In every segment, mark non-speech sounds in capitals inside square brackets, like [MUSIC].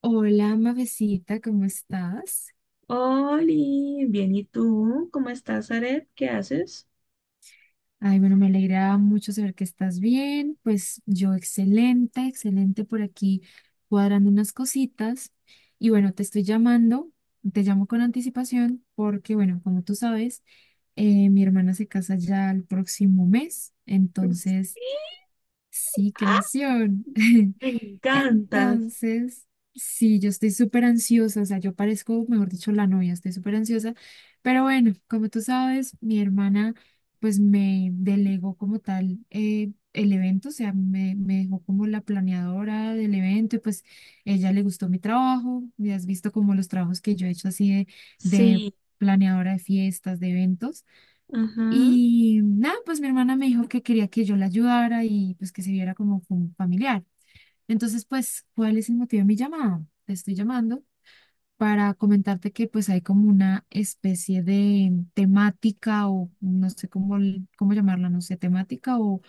Hola, mavecita, ¿cómo estás? Oli, bien, ¿y tú? ¿Cómo estás, Aret? ¿Qué haces? Ay, bueno, me alegra mucho saber que estás bien. Pues yo excelente, excelente por aquí cuadrando unas cositas. Y bueno, te llamo con anticipación porque, bueno, como tú sabes, mi hermana se casa ya el próximo mes. Sí, Entonces, sí, qué ¡ah! emoción. [LAUGHS] Me encanta. Entonces, sí, yo estoy súper ansiosa, o sea, yo parezco, mejor dicho, la novia, estoy súper ansiosa, pero bueno, como tú sabes, mi hermana pues me delegó como tal el evento, o sea, me dejó como la planeadora del evento y pues ella le gustó mi trabajo, y has visto como los trabajos que yo he hecho así de Sí, planeadora de fiestas, de eventos. ajá, Y nada, pues mi hermana me dijo que quería que yo la ayudara y pues que se viera como familiar. Entonces, pues, ¿cuál es el motivo de mi llamada? Te estoy llamando para comentarte que pues hay como una especie de temática o no sé cómo, cómo llamarla, no sé, temática o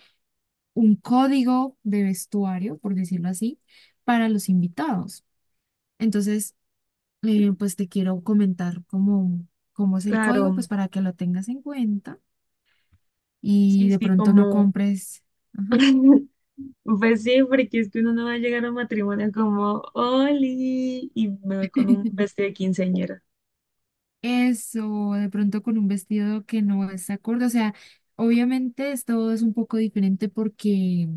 un código de vestuario, por decirlo así, para los invitados. Entonces, pues te quiero comentar cómo, cómo es el código, pues claro. para que lo tengas en cuenta y Sí, de sí, pronto no como. compres. Ajá. [LAUGHS] Pues sí, porque es que uno no va a llegar a un matrimonio como Oli y me voy con un [LAUGHS] vestido de quinceañera. Eso, de pronto con un vestido que no es acorde. O sea, obviamente todo es un poco diferente porque,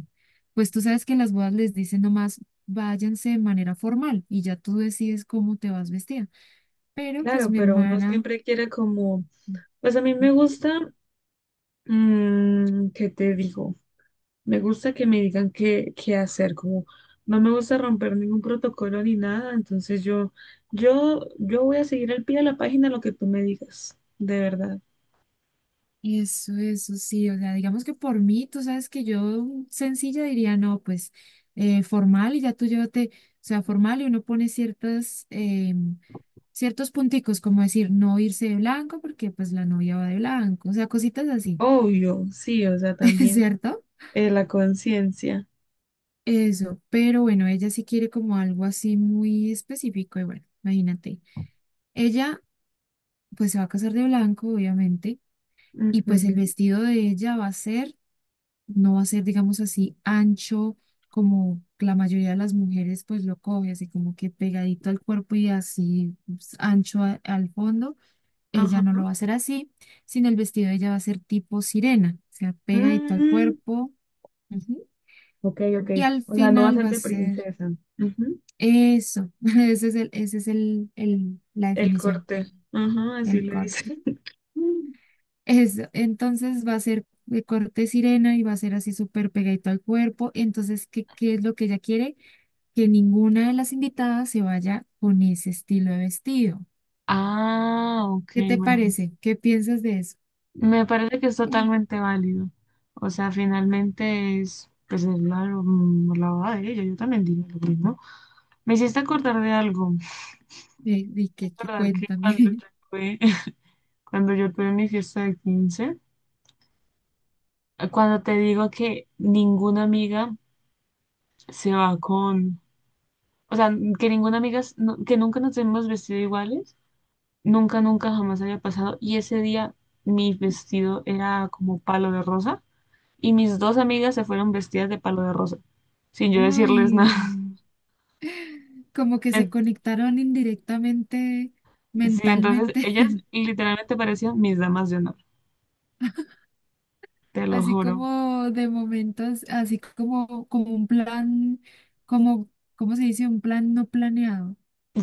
pues tú sabes que en las bodas les dicen nomás váyanse de manera formal y ya tú decides cómo te vas vestida. Pero pues Claro, mi pero uno hermana, siempre quiere como. Pues a mí me ujú. gusta. Mm, ¿qué te digo? Me gusta que me digan qué, hacer, como no me gusta romper ningún protocolo ni nada, entonces yo voy a seguir al pie de la página lo que tú me digas, de verdad. Eso sí, o sea, digamos que por mí, tú sabes que yo sencilla diría, no, pues formal y ya tú llévate, o sea, formal y uno pone ciertos punticos, como decir, no irse de blanco porque pues la novia va de blanco, o sea, cositas así, Obvio, sí, o sea, [LAUGHS] también ¿cierto? La conciencia. Eso, pero bueno, ella sí quiere como algo así muy específico y bueno, imagínate, ella pues se va a casar de blanco, obviamente, y pues el Ujú. vestido de ella va a ser... no va a ser, digamos así, ancho como la mayoría de las mujeres pues lo coge, así como que pegadito al cuerpo y así pues, ancho al fondo. Ella no lo Ajá. va a hacer así, sino el vestido de ella va a ser tipo sirena, o sea, pegadito al Mm, cuerpo. Ujú. ok, ok. Y al O sea, no va a final ser va a de ser princesa. Ujú. eso. [LAUGHS] Ese es la El definición, corte. Ajá, así el le corte. dice. [LAUGHS] Eso, entonces va a ser de corte sirena y va a ser así súper pegadito al cuerpo. Entonces, ¿qué es lo que ella quiere? Que ninguna de las invitadas se vaya con ese estilo de vestido. Ah, ok, ¿Qué te bueno. parece? ¿Qué piensas de eso? Me parece que es [LAUGHS] totalmente válido. O sea, finalmente es, pues, es la la boda de ella. Yo también diría lo mismo. Me hiciste acordar de algo. Me hiciste ¿Y qué? Acordar que Cuéntame. cuando [LAUGHS] tuve, [LAUGHS] cuando yo tuve mi fiesta de 15 cuando te digo que ninguna amiga se va con, o sea, que ninguna amiga, que nunca nos hemos vestido iguales, nunca, nunca jamás había pasado. Y ese día mi vestido era como palo de rosa, y mis dos amigas se fueron vestidas de palo de rosa, sin yo decirles Uy, nada. como [LAUGHS] que se En- conectaron indirectamente, Sí, entonces mentalmente, ellas literalmente parecían mis damas de honor, te [LAUGHS] lo así juro. como de momentos, así como, como un plan, como, ¿cómo se dice? Un plan no planeado.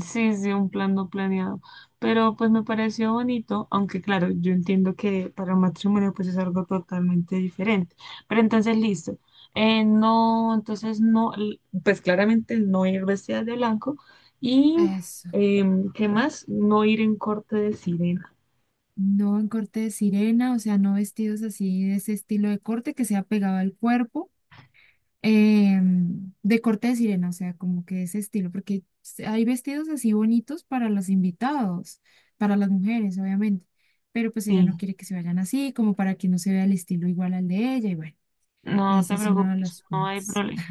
Sí, sí, un plan no planeado. Pero pues me pareció bonito, aunque claro, yo entiendo que para un matrimonio pues es algo totalmente diferente. Pero entonces listo. No, entonces no, pues claramente no ir vestida de blanco. Y Eso. ¿Qué más? No ir en corte de sirena. No en corte de sirena, o sea, no vestidos así de ese estilo de corte que sea pegado al cuerpo, eh, de corte de sirena, o sea, como que ese estilo, porque hay vestidos así bonitos para los invitados, para las mujeres, obviamente, pero pues ella no Sí, quiere que se vayan así, como para que no se vea el estilo igual al de ella, y bueno, no ese te es uno de preocupes, los no hay puntos. problema.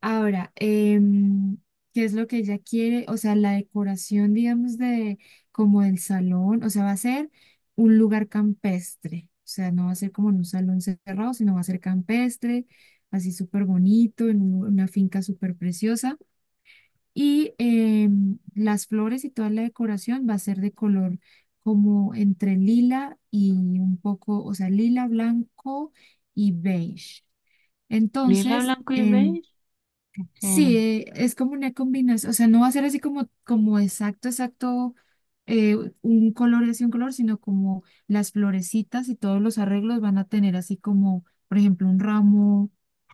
Ahora, ¿qué es lo que ella quiere? O sea, la decoración, digamos, de como del salón, o sea, va a ser un lugar campestre. O sea, no va a ser como en un salón cerrado, sino va a ser campestre, así súper bonito, en una finca súper preciosa. Y las flores y toda la decoración va a ser de color como entre lila y un poco, o sea, lila, blanco y beige. Lila, Entonces, blanco y beige. Ok. sí, es como una combinación, o sea, no va a ser así como, como exacto, exacto, eh, un color y así un color, sino como las florecitas y todos los arreglos van a tener así como, por ejemplo, un ramo,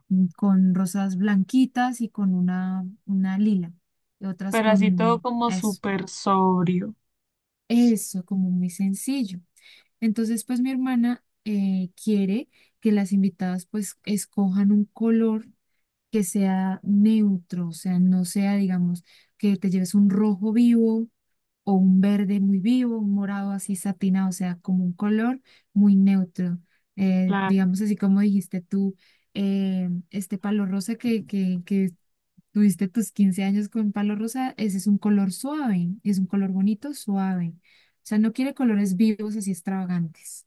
con rosas blanquitas y con una lila, y otras Pero así todo con como eso, súper sobrio. eso, como muy sencillo. Entonces, pues mi hermana quiere que las invitadas pues escojan un color que sea neutro, o sea, no sea, digamos, que te lleves un rojo vivo o un verde muy vivo, un morado así satinado, o sea, como un color muy neutro. Claro. Digamos así como dijiste tú, este palo rosa que tuviste tus 15 años con palo rosa, ese es un color suave, es un color bonito, suave. O sea, no quiere colores vivos así extravagantes.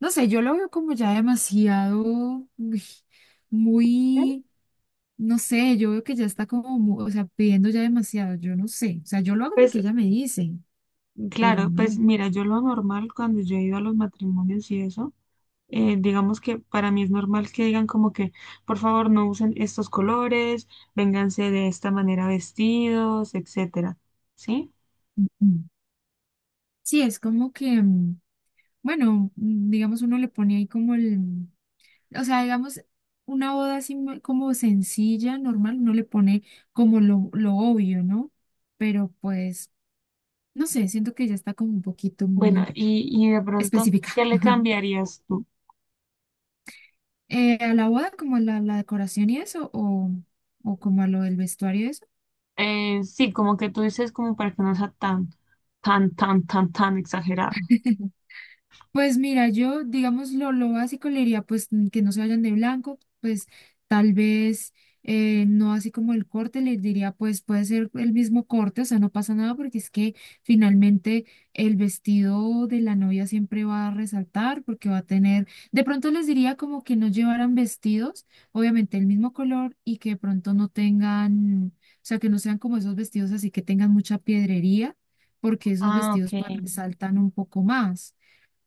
No sé, yo lo veo como ya demasiado, uy, muy no sé, yo veo que ya está como, o sea, pidiendo ya demasiado, yo no sé, o sea, yo lo hago Pues porque ella me dice, pero claro, pues no. mira, yo lo normal cuando yo he ido a los matrimonios y eso, digamos que para mí es normal que digan como que, por favor, no usen estos colores, vénganse de esta manera vestidos, etcétera. ¿Sí? Mm. Sí, es como que, mm, bueno, mm, digamos, uno le pone ahí como el, o sea, digamos, una boda así como sencilla, normal, uno le pone como lo obvio, ¿no? Pero pues, no sé, siento que ya está como un poquito Bueno, muy y de pronto, específica. ¿qué le [LAUGHS] cambiarías tú? ¿A la boda como a la decoración y eso, o como a lo del vestuario y eso? Sí, como que tú dices como para que no sea tan exagerado. Pues mira, yo, digamos, lo básico le diría, pues, mm, que no se vayan de blanco, pues, tal vez, no así como el corte, le diría, pues, puede ser el mismo corte, o sea, no pasa nada, porque es que finalmente el vestido de la novia siempre va a resaltar, porque va a tener, de pronto les diría como que no llevaran vestidos, obviamente el mismo color, y que de pronto no tengan, o sea, que no sean como esos vestidos así que tengan mucha piedrería, porque esos Ah, ok. vestidos, pues, resaltan un poco más,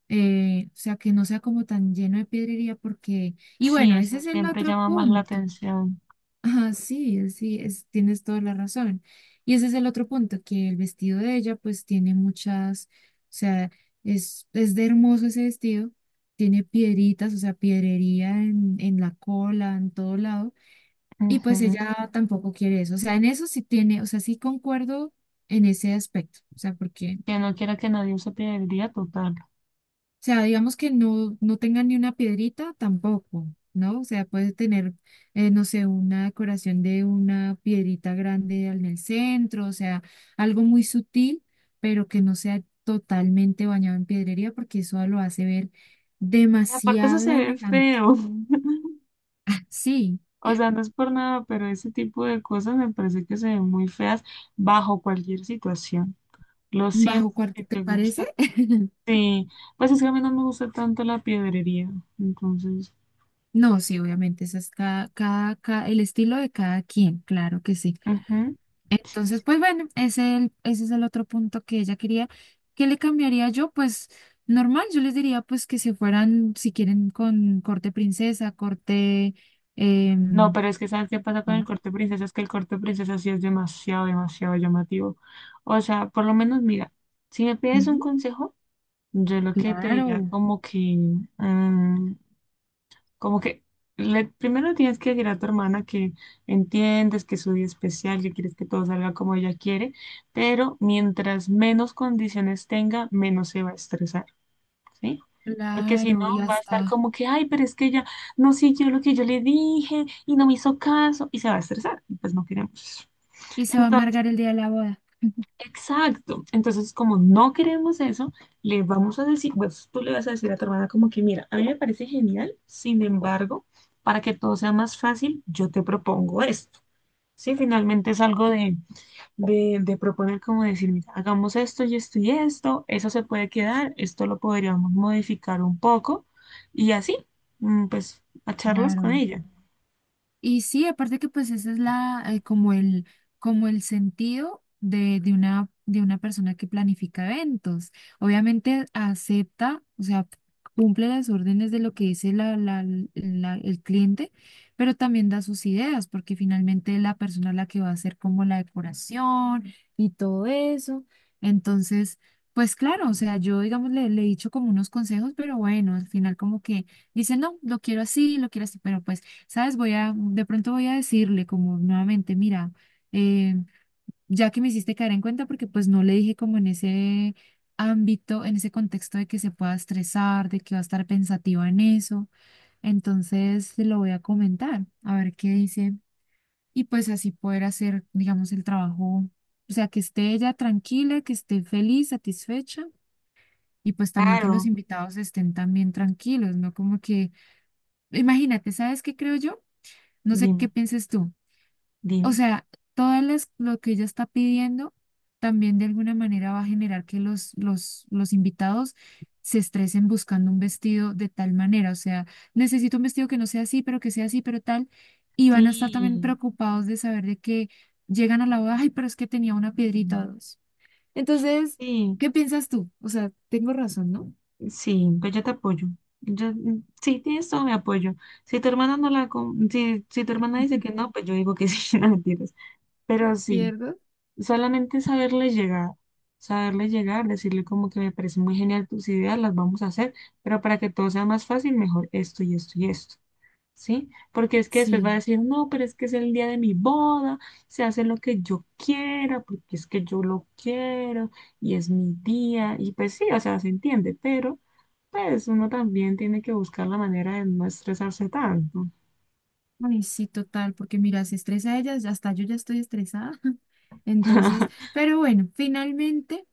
o sea, que no sea como tan lleno de piedrería porque, y Sí, bueno, ese eso es el siempre otro llama más la punto. [LAUGHS] atención. Ah, sí, sí, es, tienes toda la razón. Y ese es el otro punto, que el vestido de ella pues tiene muchas, o sea, es de hermoso ese vestido, tiene piedritas, o sea, piedrería en la cola, en todo lado, y pues Ujú. ella tampoco quiere eso. O sea, en eso sí tiene, o sea, sí concuerdo en ese aspecto, o sea, porque... Que no quiera que nadie use día total. O sea, digamos que no, no tenga ni una piedrita tampoco, ¿no? O sea, puede tener, no sé, una decoración de una piedrita grande en el centro, o sea, algo muy sutil, pero que no sea totalmente bañado en piedrería, porque eso lo hace ver Y aparte eso demasiado se ve elegante. feo. [LAUGHS] Sí, O sea, no es por nada, pero ese tipo de cosas me parece que se ven muy feas bajo cualquier situación. Lo siento bajo que cuarto, ¿te te gusta. parece? [LAUGHS] Sí, pues es que a mí no me gusta tanto la piedrería. Entonces, No, sí, obviamente, eso es el estilo de cada quien, claro que sí. ujú. Entonces, pues bueno, ese, ese es el otro punto que ella quería. ¿Qué le cambiaría yo? Pues normal, yo les diría pues que se fueran, si quieren, con corte princesa, corte... No, em, pero es que ¿sabes qué pasa con el normal. corte princesa? Es que el corte princesa sí es demasiado, demasiado llamativo. O sea, por lo menos, mira, si me pides un Ujú. consejo, yo lo que te diría Claro, como que, mm, como que primero tienes que decir a tu hermana que entiendes que es su día especial, que quieres que todo salga como ella quiere, pero mientras menos condiciones tenga, menos se va a estresar. ¿Sí? Porque si no, claro, ya va a estar está. como que, ay, pero es que ella no siguió lo que yo le dije y no me hizo caso y se va a estresar. Y pues no queremos eso. Y se va a Entonces, amargar el día de la boda. [LAUGHS] exacto. Entonces, como no queremos eso, le vamos a decir, pues tú le vas a decir a tu hermana como que, mira, a mí me parece genial, sin embargo, para que todo sea más fácil, yo te propongo esto. Sí, finalmente es algo de proponer como decir, mira, hagamos esto y esto y esto, eso se puede quedar, esto lo podríamos modificar un poco y así, mm, pues, a charlas con Claro. ella. Y sí, aparte que pues ese es la, como el sentido de una persona que planifica eventos. Obviamente acepta, o sea, cumple las órdenes de lo que dice el cliente, pero también da sus ideas, porque finalmente es la persona la que va a hacer como la decoración y todo eso. Entonces, pues claro, o sea, yo digamos le, le he dicho como unos consejos, pero bueno, al final como que dice, no, lo quiero así, pero pues... ¿Sabes? De pronto voy a decirle como nuevamente, mira, eh, ya que me hiciste caer en cuenta, porque pues no le dije como en ese ámbito, en ese contexto de que se pueda estresar, de que va a estar pensativa en eso, entonces se lo voy a comentar, a ver qué dice, y pues así poder hacer, digamos, el trabajo, o sea, que esté ella tranquila, que esté feliz, satisfecha, y pues también que los Claro, invitados estén también tranquilos, ¿no? Como que, imagínate, ¿sabes qué creo yo? No sé qué dime, pienses tú. O dime. sea, todo lo que ella está pidiendo también de alguna manera va a generar que los invitados se estresen buscando un vestido de tal manera. O sea, necesito un vestido que no sea así, pero que sea así, pero tal. Y van a estar también Sí, preocupados de saber de que llegan a la boda, ay, pero es que tenía una piedrita o dos. Entonces, sí, ¿qué piensas tú? O sea, tengo razón, ¿no? sí, pues yo te apoyo. Yo, mm, sí, tienes todo mi apoyo. Si tu hermana no si tu hermana dice que no, pues yo digo que [LAUGHS] sí, no mentiras. Pero sí. ¿Pierdo? Solamente saberle llegar, decirle como que me parece muy genial tus ideas, las vamos a hacer, pero para que todo sea más fácil, mejor esto y esto y esto, ¿sí? Porque es que después va Sí. a decir, no, pero es que es el día de mi boda, se hace lo que yo quiera, porque es que yo lo quiero y es mi día, y pues sí, o sea, se entiende, pero pues uno también tiene que buscar la manera de no estresarse tanto. Ay, sí, total, porque mira, se estresa ella, ya hasta yo ya estoy estresada. [LAUGHS] Entonces, [LAUGHS] pero bueno, finalmente,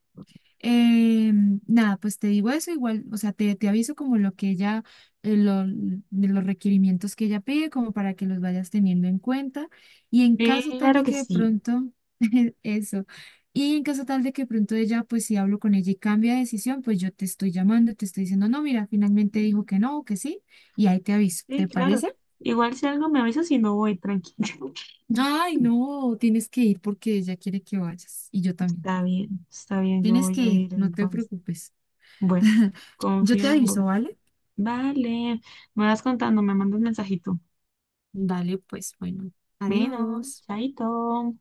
eh, nada, pues te digo eso igual, o sea, te aviso como lo que ella, de los requerimientos que ella pide, como para que los vayas teniendo en cuenta. Y en caso tal Claro de que que de sí. pronto, [LAUGHS] eso, y en caso tal de que de pronto ella, pues si hablo con ella y cambia de decisión, pues yo te estoy llamando, te estoy diciendo, no, mira, finalmente dijo que no, que sí, y ahí te aviso, ¿te Sí, claro. parece? Igual si algo me avisa, si no voy, tranquilo. Ay, [LAUGHS] no, tienes que ir porque ella quiere que vayas y yo también. Está bien, yo Tienes voy que a ir, ir no te entonces. preocupes. Bueno, [LAUGHS] Yo confío te en vos. aviso, ¿vale? Vale, me vas contando, me mandas un mensajito. Dale, pues, bueno, Bueno, adiós. chaito.